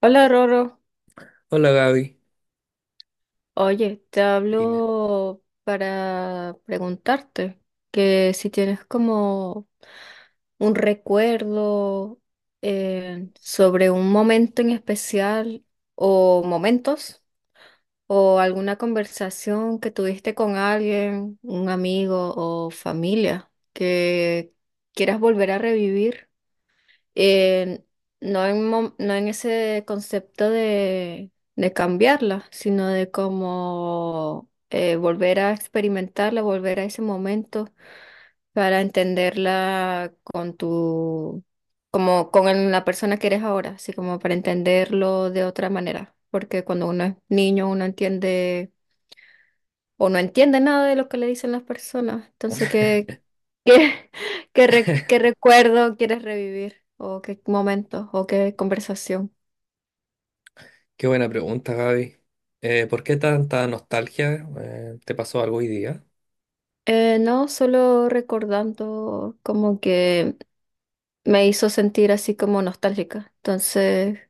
Hola Roro, Hola Gaby, oye, te dime. hablo para preguntarte que si tienes como un recuerdo sobre un momento en especial o momentos o alguna conversación que tuviste con alguien, un amigo o familia que quieras volver a revivir. eh, no no en ese concepto de cambiarla, sino de cómo volver a experimentarla, volver a ese momento para entenderla con tu, como con la persona que eres ahora, así como para entenderlo de otra manera. Porque cuando uno es niño, uno entiende o no entiende nada de lo que le dicen las personas. Entonces, ¿qué? ¿Qué, ¿qué qué recuerdo quieres revivir? ¿O qué momento? ¿O qué conversación? Qué buena pregunta, Gaby. ¿Por qué tanta nostalgia? ¿Te pasó algo hoy día? No, solo recordando como que me hizo sentir así como nostálgica. Entonces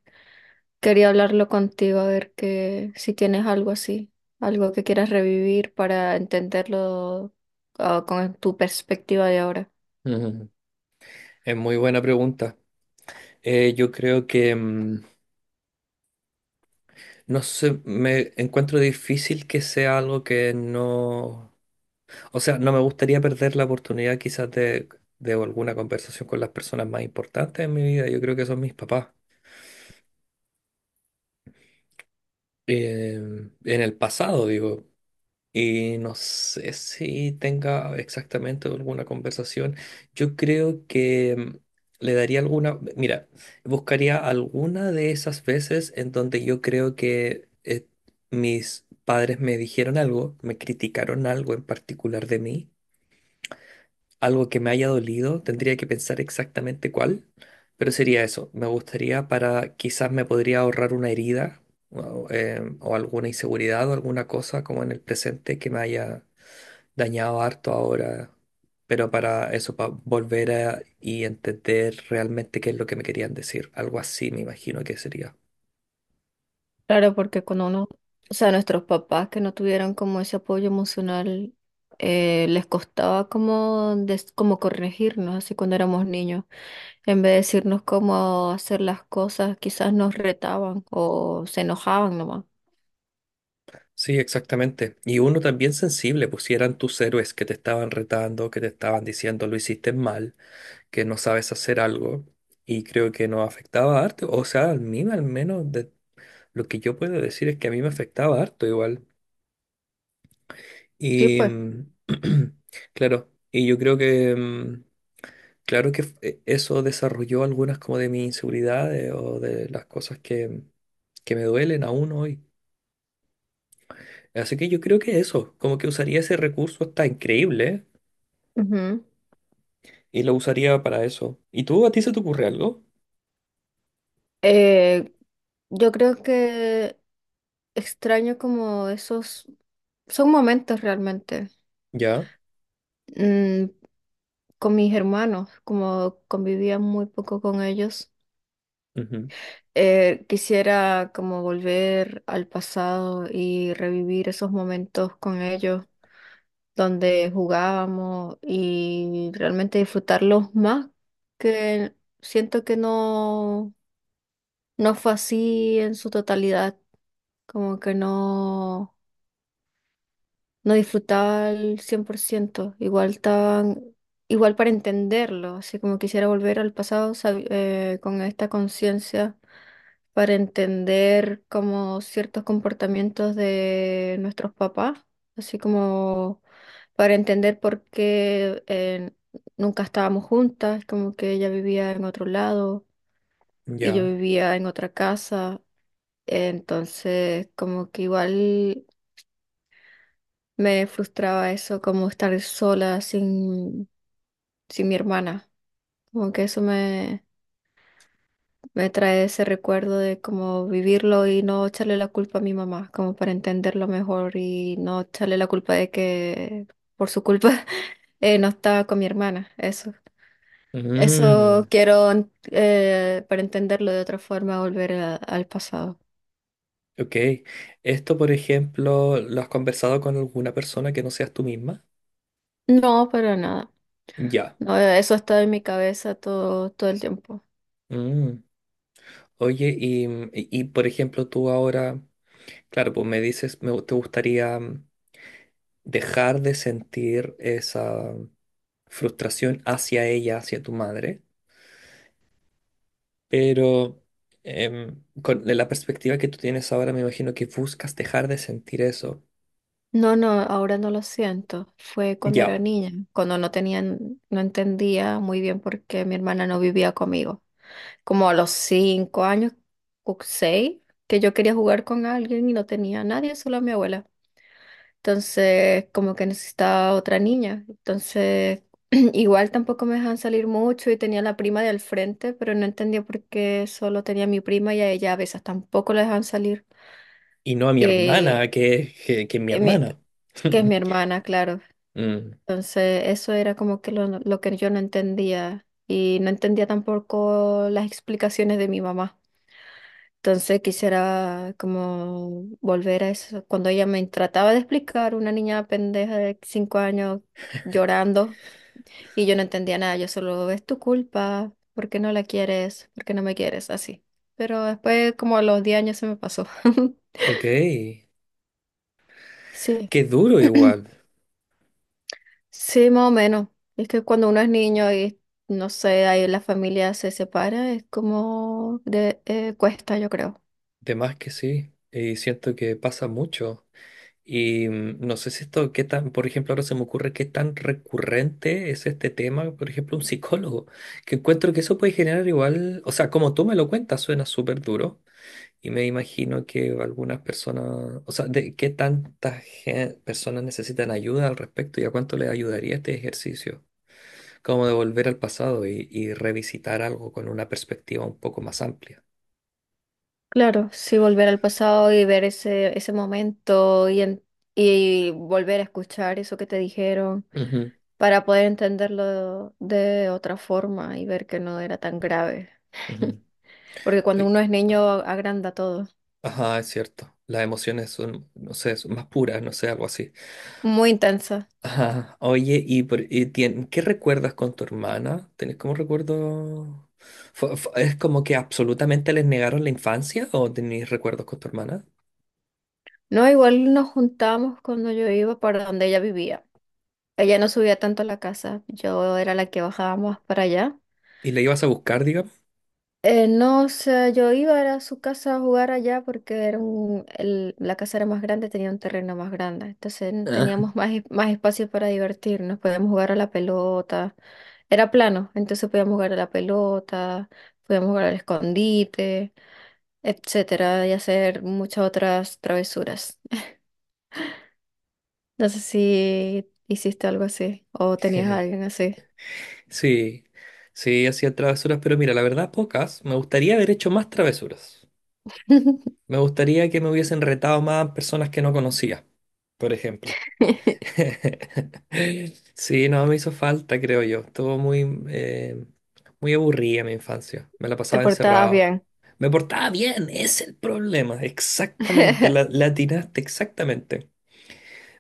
quería hablarlo contigo a ver que si tienes algo así, algo que quieras revivir para entenderlo ah, con tu perspectiva de ahora. Es muy buena pregunta. Yo creo que, no sé, me encuentro difícil que sea algo que no... O sea, no me gustaría perder la oportunidad quizás de alguna conversación con las personas más importantes en mi vida. Yo creo que son mis papás. En el pasado, digo. Y no sé si tenga exactamente alguna conversación. Yo creo que le daría alguna, mira, buscaría alguna de esas veces en donde yo creo que mis padres me dijeron algo, me criticaron algo en particular de mí, algo que me haya dolido, tendría que pensar exactamente cuál, pero sería eso. Me gustaría para, quizás me podría ahorrar una herida o, o alguna inseguridad o alguna cosa como en el presente que me haya dañado harto ahora, pero para eso, para volver a y entender realmente qué es lo que me querían decir. Algo así me imagino que sería. Claro, porque cuando uno, o sea, nuestros papás que no tuvieron como ese apoyo emocional, les costaba como corregirnos, así cuando éramos niños. En vez de decirnos cómo hacer las cosas, quizás nos retaban o se enojaban nomás. Sí, exactamente. Y uno también sensible, pues si eran tus héroes que te estaban retando, que te estaban diciendo lo hiciste mal, que no sabes hacer algo, y creo que nos afectaba harto. O sea, a mí al menos de lo que yo puedo decir es que a mí me afectaba harto igual. Sí, Y pues. Claro, y yo creo que claro eso desarrolló algunas como de mis inseguridades o de las cosas que me duelen aún hoy. Así que yo creo que eso, como que usaría ese recurso está increíble Ujú. y lo usaría para eso. ¿Y tú, a ti se te ocurre algo? Eh, yo creo que extraño como esos, son momentos realmente. Ya. Mm, con mis hermanos, como convivía muy poco con ellos. Ujú. Quisiera como volver al pasado y revivir esos momentos con ellos donde jugábamos y realmente disfrutarlos más, que siento que no fue así en su totalidad, como que no disfrutaba al 100% igual estaban, igual para entenderlo, así como quisiera volver al pasado con esta conciencia para entender como ciertos comportamientos de nuestros papás, así como para entender por qué nunca estábamos juntas, como que ella vivía en otro lado y yo Ya. vivía en otra casa. Entonces, como que igual me frustraba eso, como estar sola sin mi hermana. Como que eso me, me trae ese recuerdo de cómo vivirlo y no echarle la culpa a mi mamá, como para entenderlo mejor y no echarle la culpa de que por su culpa no estaba con mi hermana. Eso, Mm. eso quiero para entenderlo de otra forma, volver al pasado. Ok. Esto, por ejemplo, ¿lo has conversado con alguna persona que no seas tú misma? No, para nada. Ya. No, eso está en mi cabeza todo el tiempo. Mm. Oye, y por ejemplo, tú ahora, claro, pues me dices, me, te gustaría dejar de sentir esa frustración hacia ella, hacia tu madre, pero con la perspectiva que tú tienes ahora, me imagino que buscas dejar de sentir eso. No, no, ahora no lo siento. Fue cuando era Ya, niña, cuando no no entendía muy bien por qué mi hermana no vivía conmigo. Como a los 5 años o 6, que yo quería jugar con alguien y no tenía a nadie, solo a mi abuela. Entonces, como que necesitaba otra niña. Entonces, igual tampoco me dejaban salir mucho y tenía la prima del frente, pero no entendía por qué solo tenía a mi prima y a ella a veces tampoco la dejaban salir. y no a mi Eh, hermana, que mi eh, mi- hermana. que es mi hermana, claro. Mm. Entonces, eso era como que lo que yo no entendía y no entendía tampoco las explicaciones de mi mamá. Entonces, quisiera como volver a eso. Cuando ella me trataba de explicar, una niña pendeja de 5 años llorando y yo no entendía nada, yo solo, es tu culpa, ¿por qué no la quieres? ¿Por qué no me quieres? Así. Pero después, como a los 10 años se me pasó. Ok, Sí. qué duro igual, Sí, más o menos. Es que cuando uno es niño y no sé, ahí la familia se separa, es como de cuesta, yo creo. de más que sí, y siento que pasa mucho. Y no sé si esto, qué tan, por ejemplo, ahora se me ocurre qué tan recurrente es este tema, por ejemplo, un psicólogo, que encuentro que eso puede generar igual, o sea, como tú me lo cuentas, suena súper duro, y me imagino que algunas personas, o sea, de qué tantas personas necesitan ayuda al respecto y a cuánto les ayudaría este ejercicio, como de volver al pasado y revisitar algo con una perspectiva un poco más amplia. Claro, sí, volver al pasado y ver ese momento y volver a escuchar eso que te dijeron Ujú, para poder entenderlo de otra forma y ver que no era tan grave. ujú. Porque cuando Ay. uno es niño agranda todo. Ajá, es cierto. Las emociones son, no sé, son más puras, no sé, algo así. Muy intensa. Ajá. Oye, ¿ qué recuerdas con tu hermana? ¿Tenés como recuerdo? ¿Es como que absolutamente les negaron la infancia o tenés recuerdos con tu hermana? No, igual nos juntamos cuando yo iba para donde ella vivía. Ella no subía tanto a la casa, yo era la que bajaba más para allá. ¿Y la ibas a buscar, digamos? No, o sea, yo iba era a su casa a jugar allá porque era la casa era más grande, tenía un terreno más grande, entonces Ah. teníamos más espacio para divertirnos, podíamos jugar a la pelota, era plano, entonces podíamos jugar a la pelota, podíamos jugar al escondite, etcétera, y hacer muchas otras travesuras. No sé si hiciste algo así o tenías a alguien así. Sí, sí, hacía travesuras, pero mira, la verdad, pocas. Me gustaría haber hecho más travesuras. Me gustaría que me hubiesen retado más personas que no conocía, por ejemplo. Sí, no, me hizo falta, creo yo. Estuvo muy, eh, muy aburrida mi infancia. Me la Te pasaba portabas encerrado. bien. Me portaba bien, es el problema. Exactamente, la atinaste, exactamente.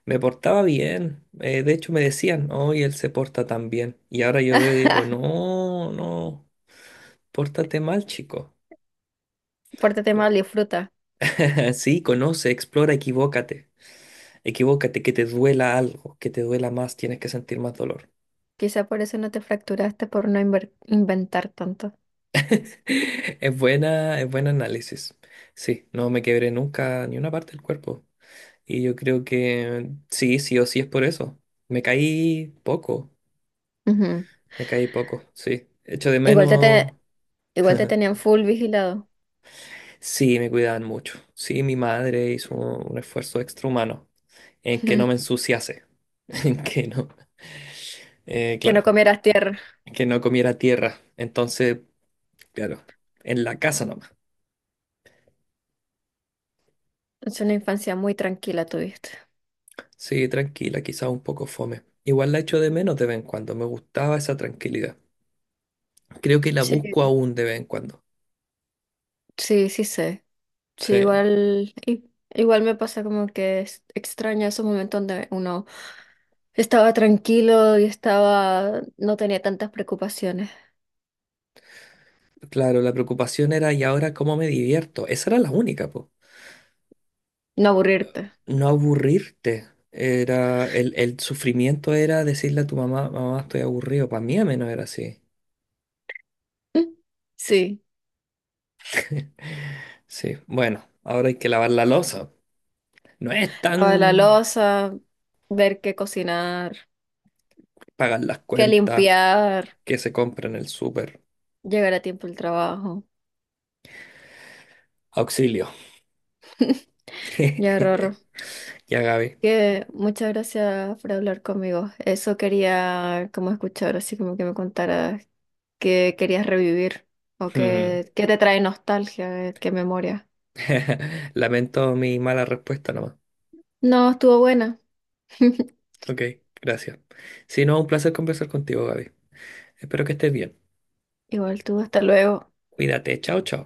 Me portaba bien. De hecho, me decían, hoy él se porta tan bien. Y ahora yo veo y digo, no, no, pórtate mal, chico. Pórtate mal y fruta. Sí, conoce, explora, equivócate. Equivócate, que te duela algo, que te duela más, tienes que sentir más dolor. Quizá por eso no te fracturaste por no inventar tanto. Es buena, es buen análisis. Sí, no me quebré nunca ni una parte del cuerpo. Y yo creo que sí, sí o sí es por eso. Me caí poco, Ujú. me caí poco, sí. Echo de Igual menos. Igual te tenían full vigilado. Sí, me cuidaban mucho. Sí, mi madre hizo un esfuerzo extrahumano en que no me ensuciase, en que no, Que no claro, comieras tierra. en que no comiera tierra. Entonces, claro, en la casa nomás. Es una infancia muy tranquila tuviste. Sí, tranquila, quizás un poco fome. Igual la echo de menos de vez en cuando, me gustaba esa tranquilidad. Creo que la Sí, busco aún de vez en cuando. sí, sí sé. Sí, Sí, igual, i- igual me pasa como que extraño esos momentos donde uno estaba tranquilo y estaba, no tenía tantas preocupaciones. claro, la preocupación era, ¿y ahora cómo me divierto? Esa era la única, po. No aburrirte. No aburrirte. Era, el sufrimiento era decirle a tu mamá, mamá, estoy aburrido. Para mí al menos era así. Sí. Sí, bueno, ahora hay que lavar la loza. No es Lavar la tan loza, ver qué cocinar, pagar las qué cuentas limpiar, que se compra en el súper. llegar a tiempo al trabajo. Auxilio. Ya, Rorro, Ya, Gaby. que muchas gracias por hablar conmigo. Eso quería como escuchar, así como que me contaras qué querías revivir o qué te trae nostalgia, qué memoria. Lamento mi mala respuesta nomás. No, estuvo buena. Ok, gracias. Si no, un placer conversar contigo, Gaby. Espero que estés bien. Igual tú, hasta luego. Cuídate, chao, chao.